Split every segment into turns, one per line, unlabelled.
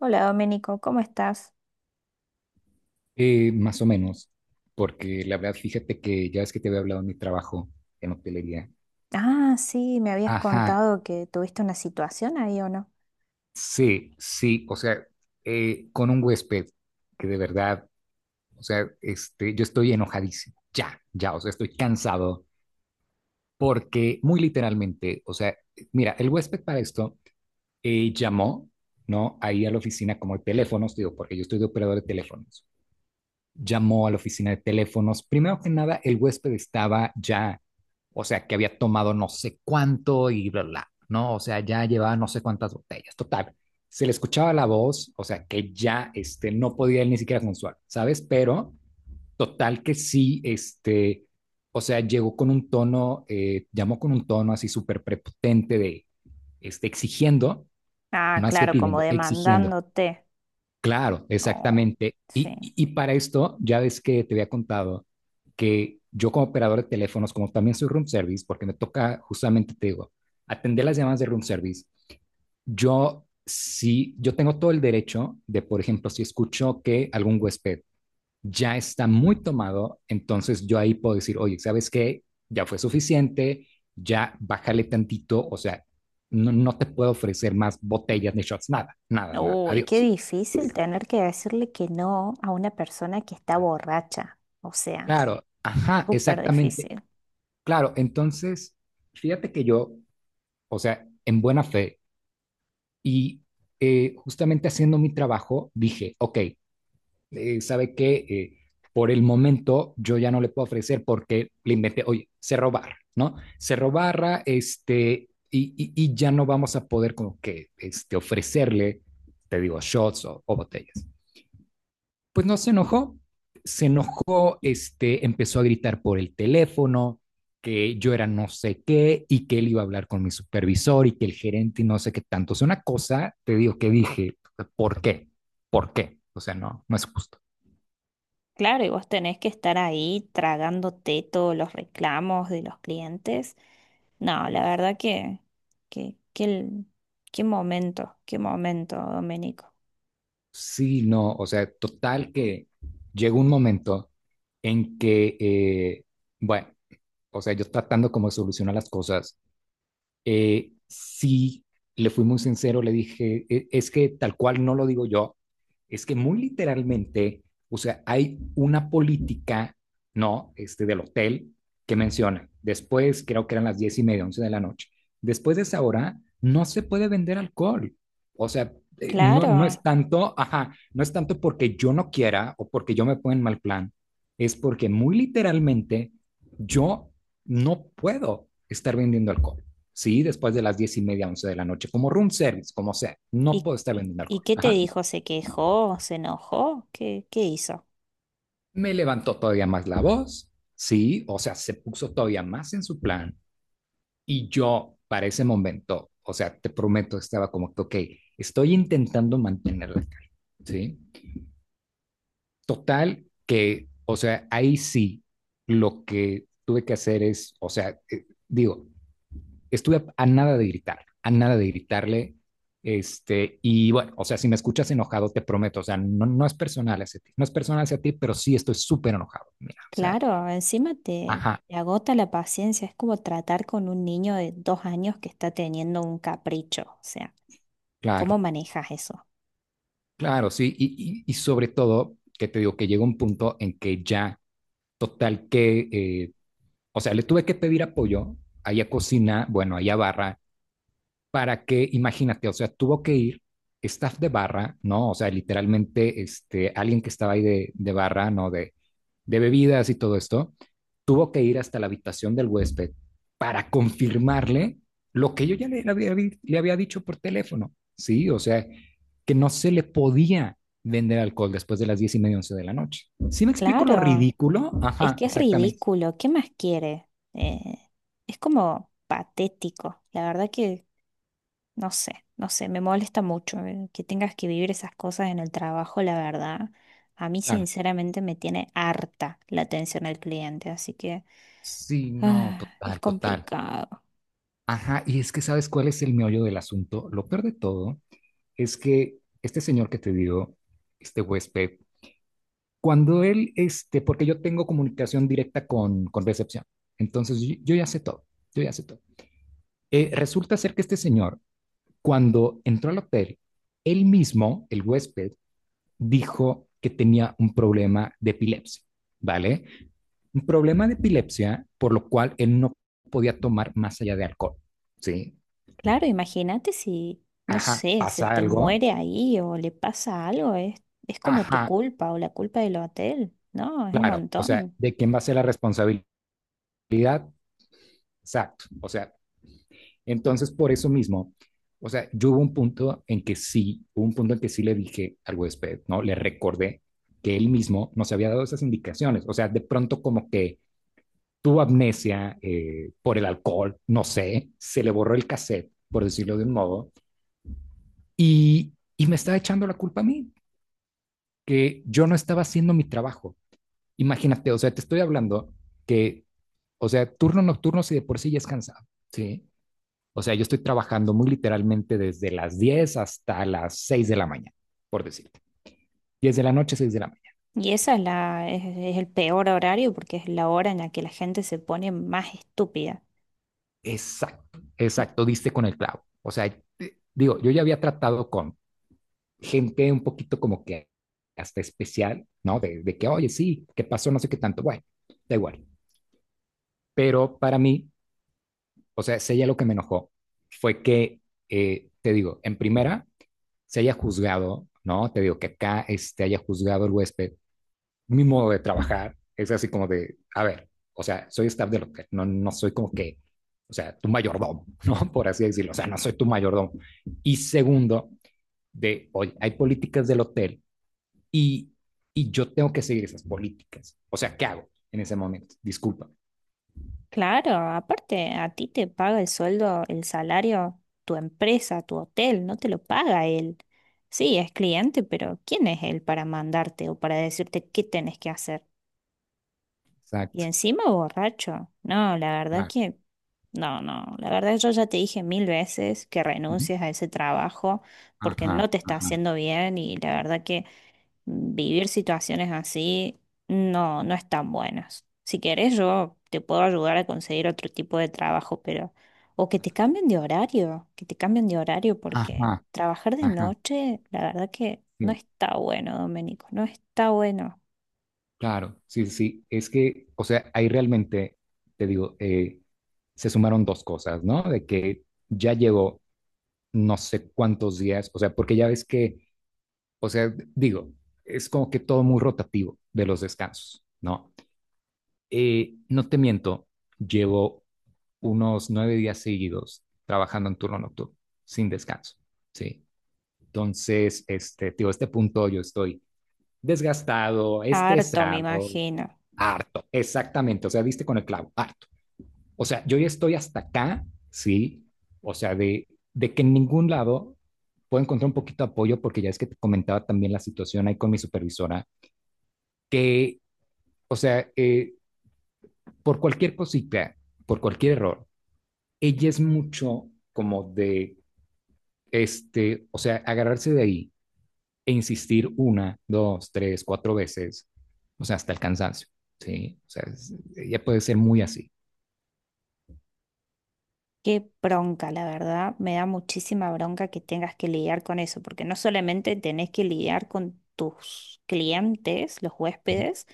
Hola Domenico, ¿cómo estás?
Más o menos, porque la verdad, fíjate que ya es que te había hablado de mi trabajo en hotelería.
Ah, sí, me habías
Ajá,
contado que tuviste una situación ahí o no.
sí, sí, o sea, con un huésped que de verdad, o sea, este, yo estoy enojadísimo, ya, ya, o sea, estoy cansado, porque muy literalmente, o sea, mira, el huésped para esto llamó, ¿no? Ahí a la oficina como de teléfonos, digo, porque yo estoy de operador de teléfonos. Llamó a la oficina de teléfonos. Primero que nada, el huésped estaba ya, o sea, que había tomado no sé cuánto y bla, bla, ¿no? O sea, ya llevaba no sé cuántas botellas, total. Se le escuchaba la voz, o sea, que ya, este, no podía él ni siquiera consolar, ¿sabes? Pero, total que sí, este, o sea, llegó con un tono, llamó con un tono así súper prepotente de, este, exigiendo,
Ah,
más que
claro, como
pidiendo, exigiendo.
demandándote.
Claro,
No,
exactamente. Y,
sí.
y- y para esto, ya ves que te había contado que yo como operador de teléfonos, como también soy room service, porque me toca justamente, te digo, atender las llamadas de room service, yo sí, yo tengo todo el derecho de, por ejemplo, si escucho que algún huésped ya está muy tomado, entonces yo ahí puedo decir, oye, ¿sabes qué? Ya fue suficiente, ya bájale tantito, o sea, no, no te puedo ofrecer más botellas ni shots, nada, nada, nada,
Uy, qué
adiós.
difícil tener que decirle que no a una persona que está borracha. O sea,
Claro, ajá,
súper
exactamente.
difícil.
Claro, entonces, fíjate que yo, o sea, en buena fe y justamente haciendo mi trabajo, dije, ok, ¿sabe qué? Por el momento yo ya no le puedo ofrecer porque le inventé, oye, Cerro Barra, ¿no? Cerro Barra, este, y ya no vamos a poder como que este, ofrecerle, te digo, shots o botellas. Pues no se enojó, se enojó, este, empezó a gritar por el teléfono que yo era no sé qué y que él iba a hablar con mi supervisor y que el gerente y no sé qué tanto. O sea, una cosa, te digo que dije, ¿por qué? ¿Por qué? O sea, no, no es justo.
Claro, y vos tenés que estar ahí tragándote todos los reclamos de los clientes. No, la verdad que el- qué momento, Domenico.
Sí, no, o sea, total que llegó un momento en que, bueno, o sea, yo tratando como de solucionar las cosas, sí le fui muy sincero, le dije, "Es que tal cual no lo digo yo, es que muy literalmente, o sea, hay una política, ¿no? Este del hotel que menciona, después creo que eran las 10:30, 11 de la noche, después de esa hora no se puede vender alcohol, o sea, no, no es
Claro.
tanto, ajá, no es tanto porque yo no quiera o porque yo me ponga en mal plan, es porque muy literalmente yo no puedo estar vendiendo alcohol. Sí, después de las 10:30, 11 de la noche, como room service, como sea, no
¿Y,
puedo estar vendiendo
y
alcohol.
qué te
Ajá.
dijo? ¿Se quejó? ¿Se enojó? ¿Qué, qué hizo?
Me levantó todavía más la voz, sí, o sea, se puso todavía más en su plan. Y yo, para ese momento, o sea, te prometo, estaba como que, ok, estoy intentando mantener la calma, sí. Total, que, o sea, ahí sí, lo que tuve que hacer es, o sea, digo, estuve a, nada de gritar, a nada de gritarle. Este, y bueno, o sea, si me escuchas enojado, te prometo, o sea, no, no es personal hacia ti, no es personal hacia ti, pero sí estoy súper enojado. Mira, o sea,
Claro, encima te,
ajá,
te agota la paciencia. Es como tratar con un niño de dos años que está teniendo un capricho. O sea, ¿cómo
claro,
manejas eso?
claro, sí. Y sobre todo, que te digo que llega un punto en que ya, total, que, o sea, le tuve que pedir apoyo allá cocina, bueno, allá barra, para que, imagínate, o sea, tuvo que ir staff de barra, ¿no? O sea, literalmente, este, alguien que estaba ahí de, barra, ¿no? de bebidas y todo esto, tuvo que ir hasta la habitación del huésped para confirmarle lo que yo ya le había dicho por teléfono, ¿sí? O sea, que no se le podía vender alcohol después de las diez y media, once de la noche. ¿Sí me explico lo
Claro,
ridículo?
es
Ajá,
que es
exactamente.
ridículo. ¿Qué más quiere? Eh, es como patético. La verdad que no sé, no sé, me molesta mucho que tengas que vivir esas cosas en el trabajo, la verdad. A mí
Claro.
sinceramente me tiene harta la atención al cliente, así que
Sí, no,
ah, es
total, total.
complicado.
Ajá, y es que sabes cuál es el meollo del asunto. Lo peor de todo es que este señor que te digo, este huésped, cuando él, este, porque yo tengo comunicación directa con recepción, entonces yo ya sé todo, yo ya sé todo. Resulta ser que este señor, cuando entró al hotel, él mismo, el huésped, dijo que tenía un problema de epilepsia, ¿vale? Un problema de epilepsia, por lo cual él no podía tomar más allá de alcohol, ¿sí?
Claro, imagínate si, no
Ajá,
sé, se
pasa
te
algo,
muere ahí o le pasa algo, es como tu
ajá,
culpa o la culpa del hotel, ¿no? Es un
claro, o sea,
montón.
¿de quién va a ser la responsabilidad? Exacto, o sea, entonces, por eso mismo, o sea, yo hubo un punto en que sí, hubo un punto en que sí le dije al huésped, ¿no? Le recordé que él mismo nos había dado esas indicaciones. O sea, de pronto como que tuvo amnesia por el alcohol, no sé, se le borró el cassette, por decirlo de un modo, y me estaba echando la culpa a mí, que yo no estaba haciendo mi trabajo. Imagínate, o sea, te estoy hablando que, o sea, turno nocturno si de por sí ya es cansado, ¿sí? O sea, yo estoy trabajando muy literalmente desde las 10 hasta las 6 de la mañana, por decirte. 10 de la noche, 6 de la mañana.
Y esa es la, es el peor horario porque es la hora en la que la gente se pone más estúpida.
Exacto, exacto, diste con el clavo. O sea, digo, yo ya había tratado con gente un poquito como que hasta especial, ¿no? de, que, oye, sí, ¿qué pasó? No sé qué tanto. Bueno, da igual. Pero para mí, o sea, si ella lo que me enojó fue que, te digo, en primera, se haya juzgado, ¿no? Te digo que acá este, haya juzgado el huésped mi modo de trabajar es así como de, a ver, o sea, soy staff del hotel, no, no soy como que, o sea, tu mayordomo, ¿no? Por así decirlo, o sea, no soy tu mayordomo. Y segundo, de, oye, hay políticas del hotel y, y yo tengo que seguir esas políticas. O sea, ¿qué hago en ese momento? Disculpa.
Claro, aparte a ti te paga el sueldo, el salario, tu empresa, tu hotel, no te lo paga él. Sí, es cliente, pero ¿quién es él para mandarte o para decirte qué tenés que hacer? Y
Exacto.
encima borracho. No, la verdad
Ah,
que no, no, la verdad yo ya te dije 1000 veces que
ujú.
renuncies a ese trabajo porque
Ajá,
no te está
ajá,
haciendo bien y la verdad que vivir situaciones así no, no están buenas. Si querés yo te puedo ayudar a conseguir otro tipo de trabajo, pero o que te
ajá,
cambien de horario, que te cambien de horario porque
ajá,
trabajar de
ajá.
noche, la verdad que no
Sí.
está bueno, Domenico, no está bueno.
Claro, sí, sí, sí. Es que, o sea, ahí realmente, te digo, se sumaron dos cosas, ¿no? De que ya llegó no sé cuántos días, o sea, porque ya ves que, o sea, digo, es como que todo muy rotativo de los descansos, ¿no? No te miento, llevo unos 9 días seguidos trabajando en turno nocturno, sin descanso, ¿sí? Entonces, este, te digo, a este punto yo estoy desgastado,
Harto, me
estresado,
imagino.
harto, exactamente, o sea, viste con el clavo, harto. O sea, yo ya estoy hasta acá, sí, o sea, de que en ningún lado puedo encontrar un poquito de apoyo, porque ya es que te comentaba también la situación ahí con mi supervisora, que, o sea, por cualquier cosita, por cualquier error, ella es mucho como de, este, o sea, agarrarse de ahí e insistir una, dos, tres, cuatro veces, o sea, hasta el cansancio, ¿sí? O sea, ella puede ser muy así,
Qué bronca, la verdad. Me da muchísima bronca que tengas que lidiar con eso, porque no solamente tenés que lidiar con tus clientes, los huéspedes,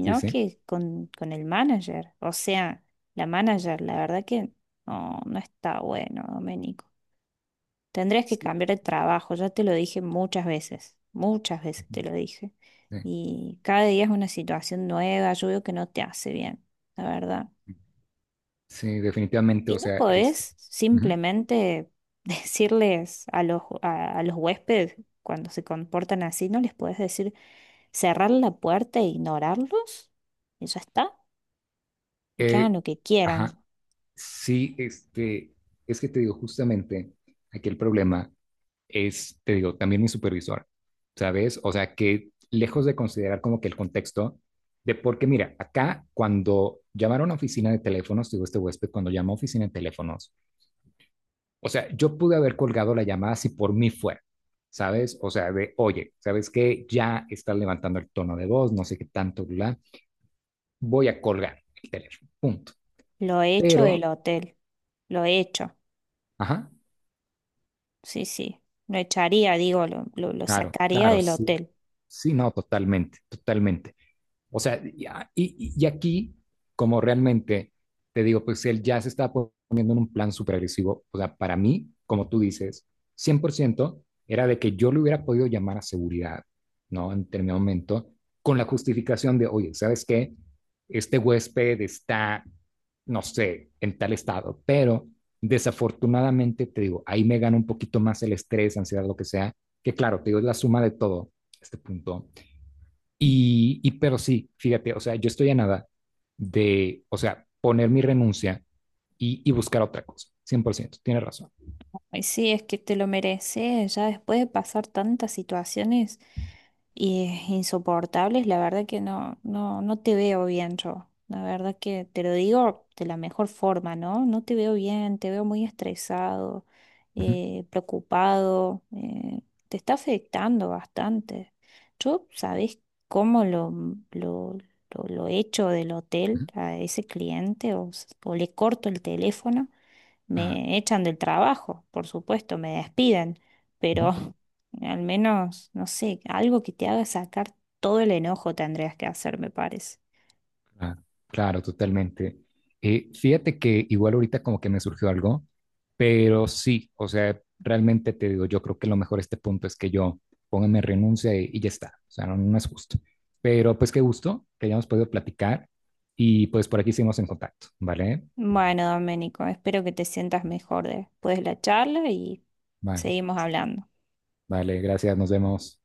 ¿sí? ¿sí?
que con el manager. O sea, la manager, la verdad que no, no está bueno, Doménico. Tendrías que
Sí.
cambiar de trabajo, ya te lo dije muchas veces te lo dije.
Sí,
Y cada día es una situación nueva, yo veo que no te hace bien, la verdad.
sí, definitivamente,
Y
o
no
sea, este,
podés
ujú.
simplemente decirles a los huéspedes cuando se comportan así, no les podés decir cerrar la puerta e ignorarlos. Eso está. Y que
Eh,
hagan lo que
ajá,
quieran.
sí, este, es que te digo, justamente, aquí el problema es, te digo, también mi supervisor, ¿sabes? O sea, que lejos de considerar como que el contexto de, porque mira, acá cuando llamaron a oficina de teléfonos, digo, este huésped, cuando llamó a oficina de teléfonos, o sea, yo pude haber colgado la llamada si por mí fuera. ¿Sabes? O sea, de, oye, ¿sabes qué? Ya estás levantando el tono de voz, no sé qué tanto, bla. Voy a colgar el teléfono, punto.
Lo he hecho
Pero,
del hotel. Lo he hecho.
ajá,
Sí, sí. Lo echaría, digo, lo
claro,
sacaría
claro,
del
sí,
hotel.
sí, no, totalmente, totalmente. O sea, y aquí, como realmente, te digo, pues él ya se está poniendo en un plan súper agresivo. O sea, para mí, como tú dices, 100% era de que yo le hubiera podido llamar a seguridad, ¿no? En determinado momento, con la justificación de, oye, ¿sabes qué? Este huésped está, no sé, en tal estado, pero desafortunadamente, te digo, ahí me gana un poquito más el estrés, ansiedad, lo que sea, que claro, te digo, es la suma de todo, este punto, y pero sí, fíjate, o sea, yo estoy a nada de, o sea, poner mi renuncia y buscar otra cosa, 100%, tienes razón.
Ay, sí, es que te lo mereces, ya después de pasar tantas situaciones insoportables, la verdad que no, no, no te veo bien yo. La verdad que te lo digo de la mejor forma, ¿no? No te veo bien, te veo muy estresado,
Ujú,
preocupado, te está afectando bastante. Yo, ¿sabés cómo lo, lo echo del hotel
ujú,
a ese cliente o s- o le corto el teléfono?
Ah,
Me echan del trabajo, por supuesto, me despiden,
ujú.
pero al menos, no sé, algo que te haga sacar todo el enojo tendrías que hacer, me parece.
Claro, claro, totalmente. Fíjate que igual ahorita como que me surgió algo, pero sí, o sea, realmente te digo, yo creo que lo mejor a este punto es que yo ponga mi renuncia y ya está, o sea, no, no es justo. Pero pues qué gusto que hayamos podido platicar y pues por aquí seguimos en contacto, ¿vale?
Bueno, Doménico, espero que te sientas mejor después de la charla y
Vale,
seguimos hablando.
vale, gracias, nos vemos.